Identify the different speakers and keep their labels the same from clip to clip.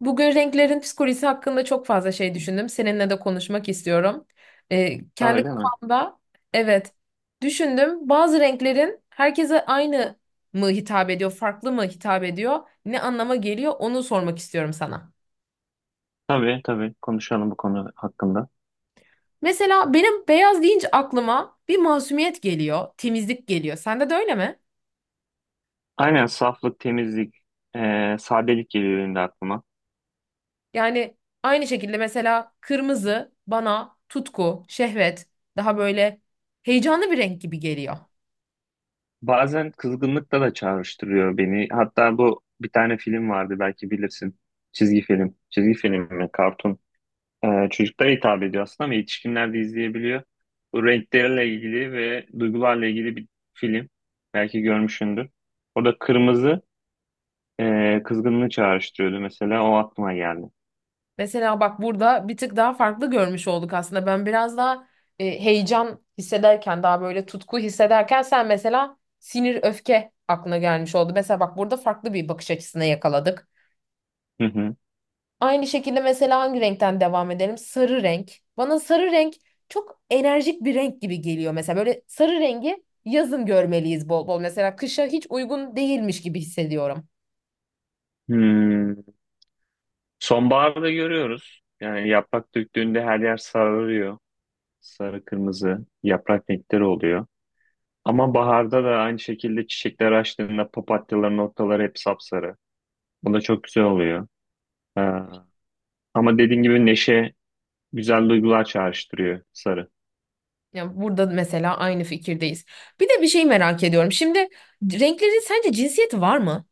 Speaker 1: Bugün renklerin psikolojisi hakkında çok fazla şey düşündüm. Seninle de konuşmak istiyorum.
Speaker 2: Ha,
Speaker 1: Kendi
Speaker 2: öyle mi?
Speaker 1: kafamda evet düşündüm. Bazı renklerin herkese aynı mı hitap ediyor, farklı mı hitap ediyor, ne anlama geliyor onu sormak istiyorum sana.
Speaker 2: Tabii tabii konuşalım bu konu hakkında.
Speaker 1: Mesela benim beyaz deyince aklıma bir masumiyet geliyor, temizlik geliyor. Sende de öyle mi?
Speaker 2: Aynen saflık, temizlik, sadelik geliyor benim de aklıma.
Speaker 1: Yani aynı şekilde mesela kırmızı bana tutku, şehvet, daha böyle heyecanlı bir renk gibi geliyor.
Speaker 2: Bazen kızgınlıkla da çağrıştırıyor beni. Hatta bu bir tane film vardı belki bilirsin. Çizgi film. Çizgi film mi? Kartun. Çocuklara hitap ediyor aslında ama yetişkinler de izleyebiliyor. Bu renklerle ilgili ve duygularla ilgili bir film. Belki görmüşsündür. Orada kırmızı kızgınlığı çağrıştırıyordu mesela. O aklıma geldi.
Speaker 1: Mesela bak burada bir tık daha farklı görmüş olduk aslında. Ben biraz daha heyecan hissederken, daha böyle tutku hissederken sen mesela sinir, öfke aklına gelmiş oldu. Mesela bak burada farklı bir bakış açısına yakaladık.
Speaker 2: Hı hı.
Speaker 1: Aynı şekilde mesela hangi renkten devam edelim? Sarı renk. Bana sarı renk çok enerjik bir renk gibi geliyor. Mesela böyle sarı rengi yazın görmeliyiz bol bol. Mesela kışa hiç uygun değilmiş gibi hissediyorum.
Speaker 2: Hmm. Sonbaharda görüyoruz. Yani yaprak döktüğünde her yer sararıyor. Sarı kırmızı yaprak renkleri oluyor. Ama baharda da aynı şekilde çiçekler açtığında papatyaların ortaları hep sapsarı. Bu da çok güzel oluyor. Ee, Ama dediğin gibi neşe güzel duygular çağrıştırıyor sarı.
Speaker 1: Ya burada mesela aynı fikirdeyiz. Bir de bir şey merak ediyorum. Şimdi renklerin sence cinsiyeti var mı?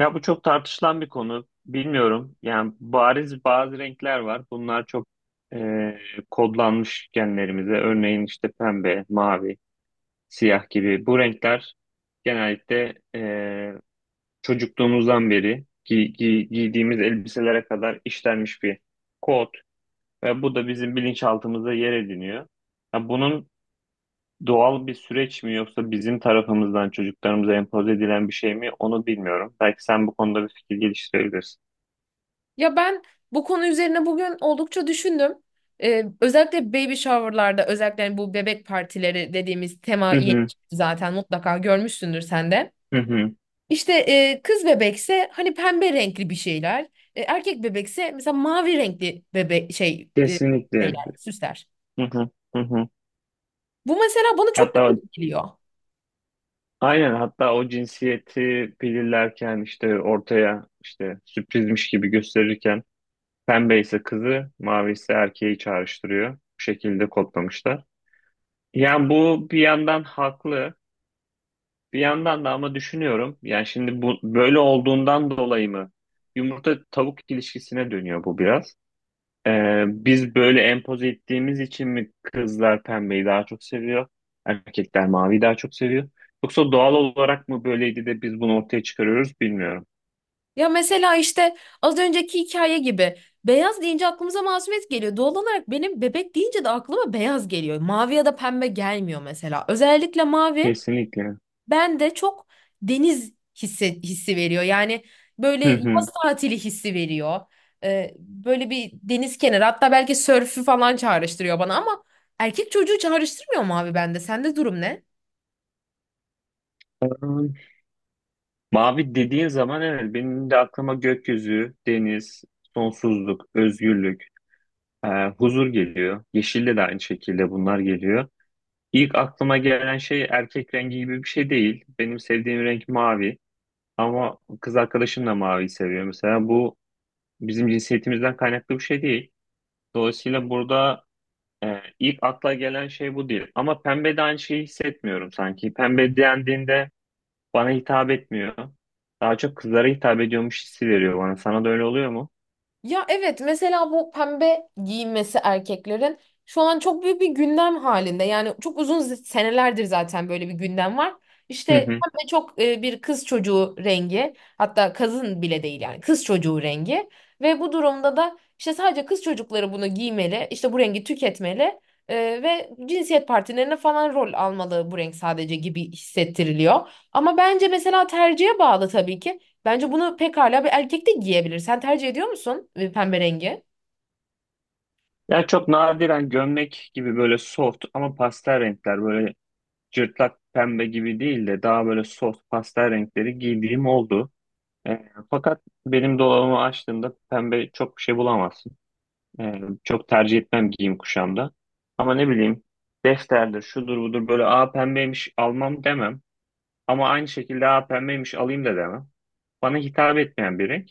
Speaker 2: Ya bu çok tartışılan bir konu. Bilmiyorum. Yani bariz bazı renkler var. Bunlar çok e, kodlanmış genlerimize. Örneğin işte pembe, mavi, siyah gibi. Bu renkler genellikle çocukluğumuzdan beri giydiğimiz elbiselere kadar işlenmiş bir kod ve bu da bizim bilinçaltımızda yer ediniyor. Ya bunun doğal bir süreç mi yoksa bizim tarafımızdan çocuklarımıza empoze edilen bir şey mi onu bilmiyorum. Belki sen bu konuda bir fikir geliştirebilirsin.
Speaker 1: Ya ben bu konu üzerine bugün oldukça düşündüm. Özellikle baby shower'larda özellikle yani bu bebek partileri dediğimiz tema
Speaker 2: Hı
Speaker 1: yeni
Speaker 2: hı,
Speaker 1: çıktı zaten mutlaka görmüşsündür sen de.
Speaker 2: hı hı.
Speaker 1: İşte kız bebekse hani pembe renkli bir şeyler. Erkek bebekse mesela mavi renkli bebek
Speaker 2: Kesinlikle.
Speaker 1: şeyler, süsler.
Speaker 2: Hı hı, hı hı.
Speaker 1: Bu mesela bana çok
Speaker 2: Hatta
Speaker 1: garip geliyor.
Speaker 2: aynen, hatta o cinsiyeti belirlerken işte ortaya işte sürprizmiş gibi gösterirken pembe ise kızı, mavi ise erkeği çağrıştırıyor. Bu şekilde kodlamışlar. Yani bu bir yandan haklı, bir yandan da ama düşünüyorum. Yani şimdi bu böyle olduğundan dolayı mı yumurta tavuk ilişkisine dönüyor bu biraz. Biz böyle empoze ettiğimiz için mi kızlar pembeyi daha çok seviyor, erkekler maviyi daha çok seviyor? Yoksa doğal olarak mı böyleydi de biz bunu ortaya çıkarıyoruz bilmiyorum.
Speaker 1: Ya mesela işte az önceki hikaye gibi beyaz deyince aklımıza masumiyet geliyor. Doğal olarak benim bebek deyince de aklıma beyaz geliyor. Mavi ya da pembe gelmiyor mesela. Özellikle mavi
Speaker 2: Kesinlikle.
Speaker 1: ben de çok deniz hissi, veriyor. Yani böyle
Speaker 2: Hı hı.
Speaker 1: yaz tatili hissi veriyor. Böyle bir deniz kenarı hatta belki sörfü falan çağrıştırıyor bana ama erkek çocuğu çağrıştırmıyor mu abi bende? Sende durum ne?
Speaker 2: Mavi dediğin zaman evet benim de aklıma gökyüzü, deniz, sonsuzluk, özgürlük, e, huzur geliyor. Yeşilde de aynı şekilde bunlar geliyor. İlk aklıma gelen şey erkek rengi gibi bir şey değil. Benim sevdiğim renk mavi ama kız arkadaşım da maviyi seviyor mesela. Bu bizim cinsiyetimizden kaynaklı bir şey değil. Dolayısıyla burada ilk akla gelen şey bu değil. Ama pembe de aynı şeyi hissetmiyorum sanki. Pembe dendiğinde bana hitap etmiyor. Daha çok kızlara hitap ediyormuş hissi veriyor bana. Sana da öyle oluyor mu?
Speaker 1: Ya evet mesela bu pembe giyinmesi erkeklerin şu an çok büyük bir gündem halinde. Yani çok uzun senelerdir zaten böyle bir gündem var. İşte
Speaker 2: Hı hı.
Speaker 1: pembe çok bir kız çocuğu rengi hatta kızın bile değil yani kız çocuğu rengi. Ve bu durumda da işte sadece kız çocukları bunu giymeli işte bu rengi tüketmeli e, ve cinsiyet partilerine falan rol almalı bu renk sadece gibi hissettiriliyor. Ama bence mesela tercihe bağlı tabii ki. Bence bunu pekala bir erkek de giyebilir. Sen tercih ediyor musun pembe rengi?
Speaker 2: Ya çok nadiren gömlek gibi böyle soft ama pastel renkler, böyle cırtlak pembe gibi değil de daha böyle soft pastel renkleri giydiğim oldu. Fakat benim dolabımı açtığımda pembe çok bir şey bulamazsın. Ee, Çok tercih etmem giyim kuşamda. Ama ne bileyim, defterdir, şudur budur, böyle a pembeymiş almam demem. Ama aynı şekilde a pembeymiş alayım da demem. Bana hitap etmeyen bir renk.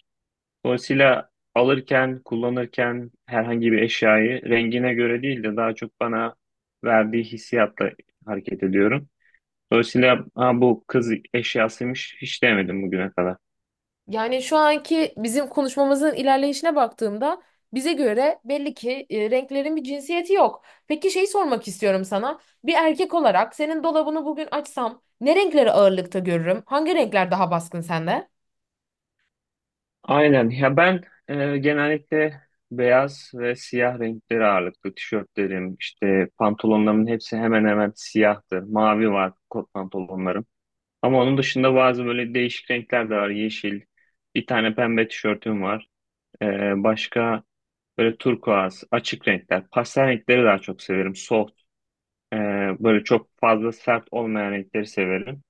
Speaker 2: Dolayısıyla alırken, kullanırken herhangi bir eşyayı rengine göre değil de daha çok bana verdiği hissiyatla hareket ediyorum. Dolayısıyla ha, bu kız eşyasıymış hiç demedim bugüne kadar.
Speaker 1: Yani şu anki bizim konuşmamızın ilerleyişine baktığımda bize göre belli ki renklerin bir cinsiyeti yok. Peki şeyi sormak istiyorum sana. Bir erkek olarak senin dolabını bugün açsam ne renkleri ağırlıkta görürüm? Hangi renkler daha baskın sende?
Speaker 2: Aynen. Ya ben genellikle beyaz ve siyah renkleri ağırlıklı tişörtlerim, işte pantolonlarımın hepsi hemen hemen siyahtır. Mavi var kot pantolonlarım. Ama onun dışında bazı böyle değişik renkler de var. Yeşil, bir tane pembe tişörtüm var. E, Başka böyle turkuaz, açık renkler. Pastel renkleri daha çok severim. Soft, e, böyle çok fazla sert olmayan renkleri severim.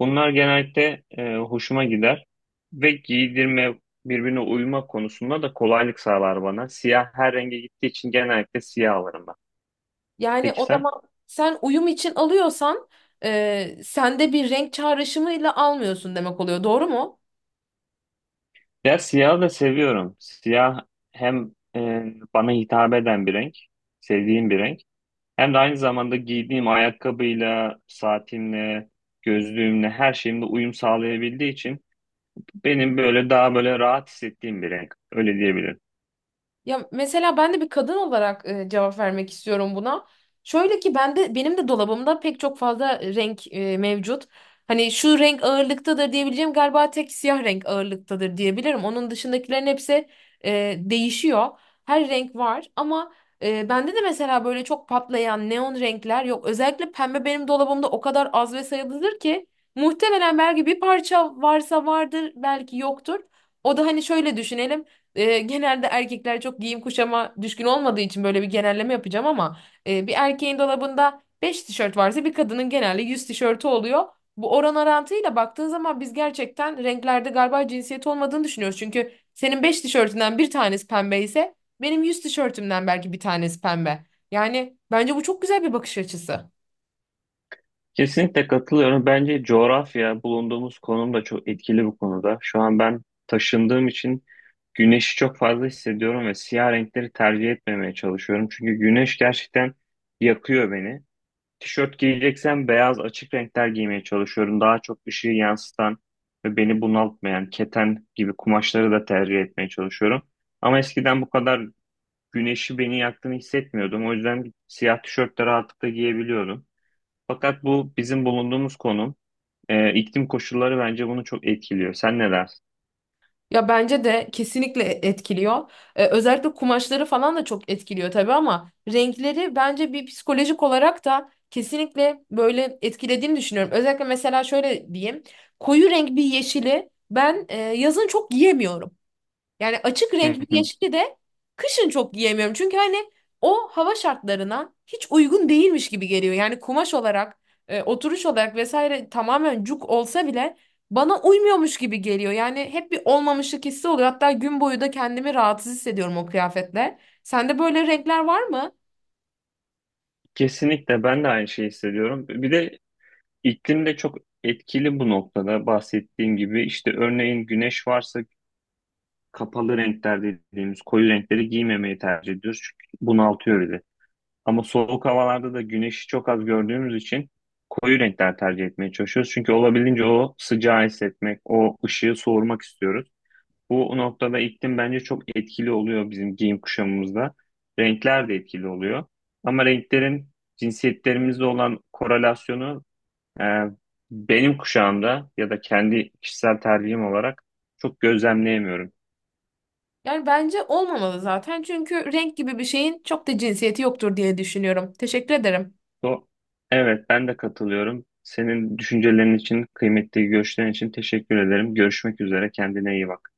Speaker 2: Bunlar genellikle hoşuma gider ve giydirme, birbirine uyma konusunda da kolaylık sağlar bana. Siyah her renge gittiği için genellikle siyah alırım ben.
Speaker 1: Yani
Speaker 2: Peki
Speaker 1: o
Speaker 2: sen?
Speaker 1: zaman sen uyum için alıyorsan sende bir renk çağrışımıyla almıyorsun demek oluyor. Doğru mu?
Speaker 2: Ya siyahı da seviyorum. Siyah hem bana hitap eden bir renk, sevdiğim bir renk. Hem de aynı zamanda giydiğim ayakkabıyla, saatimle, gözlüğümle, her şeyimle uyum sağlayabildiği için benim böyle daha böyle rahat hissettiğim bir renk. Öyle diyebilirim.
Speaker 1: Ya mesela ben de bir kadın olarak cevap vermek istiyorum buna. Şöyle ki ben de benim de dolabımda pek çok fazla renk mevcut. Hani şu renk ağırlıktadır diyebileceğim galiba tek siyah renk ağırlıktadır diyebilirim. Onun dışındakilerin hepsi değişiyor. Her renk var ama bende de mesela böyle çok patlayan neon renkler yok. Özellikle pembe benim dolabımda o kadar az ve sayılıdır ki muhtemelen belki bir parça varsa vardır belki yoktur. O da hani şöyle düşünelim genelde erkekler çok giyim kuşama düşkün olmadığı için böyle bir genelleme yapacağım ama bir erkeğin dolabında 5 tişört varsa bir kadının genelde 100 tişörtü oluyor. Bu oran orantıyla baktığın zaman biz gerçekten renklerde galiba cinsiyet olmadığını düşünüyoruz. Çünkü senin 5 tişörtünden bir tanesi pembe ise benim 100 tişörtümden belki bir tanesi pembe. Yani bence bu çok güzel bir bakış açısı.
Speaker 2: Kesinlikle katılıyorum. Bence coğrafya, bulunduğumuz konum da çok etkili bu konuda. Şu an ben taşındığım için güneşi çok fazla hissediyorum ve siyah renkleri tercih etmemeye çalışıyorum. Çünkü güneş gerçekten yakıyor beni. Tişört giyeceksem beyaz açık renkler giymeye çalışıyorum. Daha çok ışığı yansıtan ve beni bunaltmayan keten gibi kumaşları da tercih etmeye çalışıyorum. Ama eskiden bu kadar güneşi beni yaktığını hissetmiyordum. O yüzden siyah tişört de rahatlıkla giyebiliyordum. Fakat bu bizim bulunduğumuz konum, iklim koşulları bence bunu çok etkiliyor. Sen ne dersin?
Speaker 1: Ya bence de kesinlikle etkiliyor. Özellikle kumaşları falan da çok etkiliyor tabii ama renkleri bence bir psikolojik olarak da kesinlikle böyle etkilediğini düşünüyorum. Özellikle mesela şöyle diyeyim. Koyu renk bir yeşili ben yazın çok giyemiyorum. Yani açık renk
Speaker 2: Hı
Speaker 1: bir
Speaker 2: hı.
Speaker 1: yeşili de kışın çok giyemiyorum. Çünkü hani o hava şartlarına hiç uygun değilmiş gibi geliyor. Yani kumaş olarak, oturuş olarak vesaire tamamen cuk olsa bile bana uymuyormuş gibi geliyor. Yani hep bir olmamışlık hissi oluyor. Hatta gün boyu da kendimi rahatsız hissediyorum o kıyafetle. Sende böyle renkler var mı?
Speaker 2: Kesinlikle ben de aynı şeyi hissediyorum. Bir de iklim de çok etkili bu noktada bahsettiğim gibi. İşte örneğin güneş varsa kapalı renkler dediğimiz koyu renkleri giymemeyi tercih ediyoruz. Çünkü bunaltıyor bizi. Ama soğuk havalarda da güneşi çok az gördüğümüz için koyu renkler tercih etmeye çalışıyoruz. Çünkü olabildiğince o sıcağı hissetmek, o ışığı soğurmak istiyoruz. Bu noktada iklim bence çok etkili oluyor bizim giyim kuşamımızda. Renkler de etkili oluyor. Ama renklerin cinsiyetlerimizle olan korelasyonu e, benim kuşağımda ya da kendi kişisel tercihim olarak çok gözlemleyemiyorum.
Speaker 1: Yani bence olmamalı zaten. Çünkü renk gibi bir şeyin çok da cinsiyeti yoktur diye düşünüyorum. Teşekkür ederim.
Speaker 2: Do evet ben de katılıyorum. Senin düşüncelerin için, kıymetli görüşlerin için teşekkür ederim. Görüşmek üzere. Kendine iyi bak.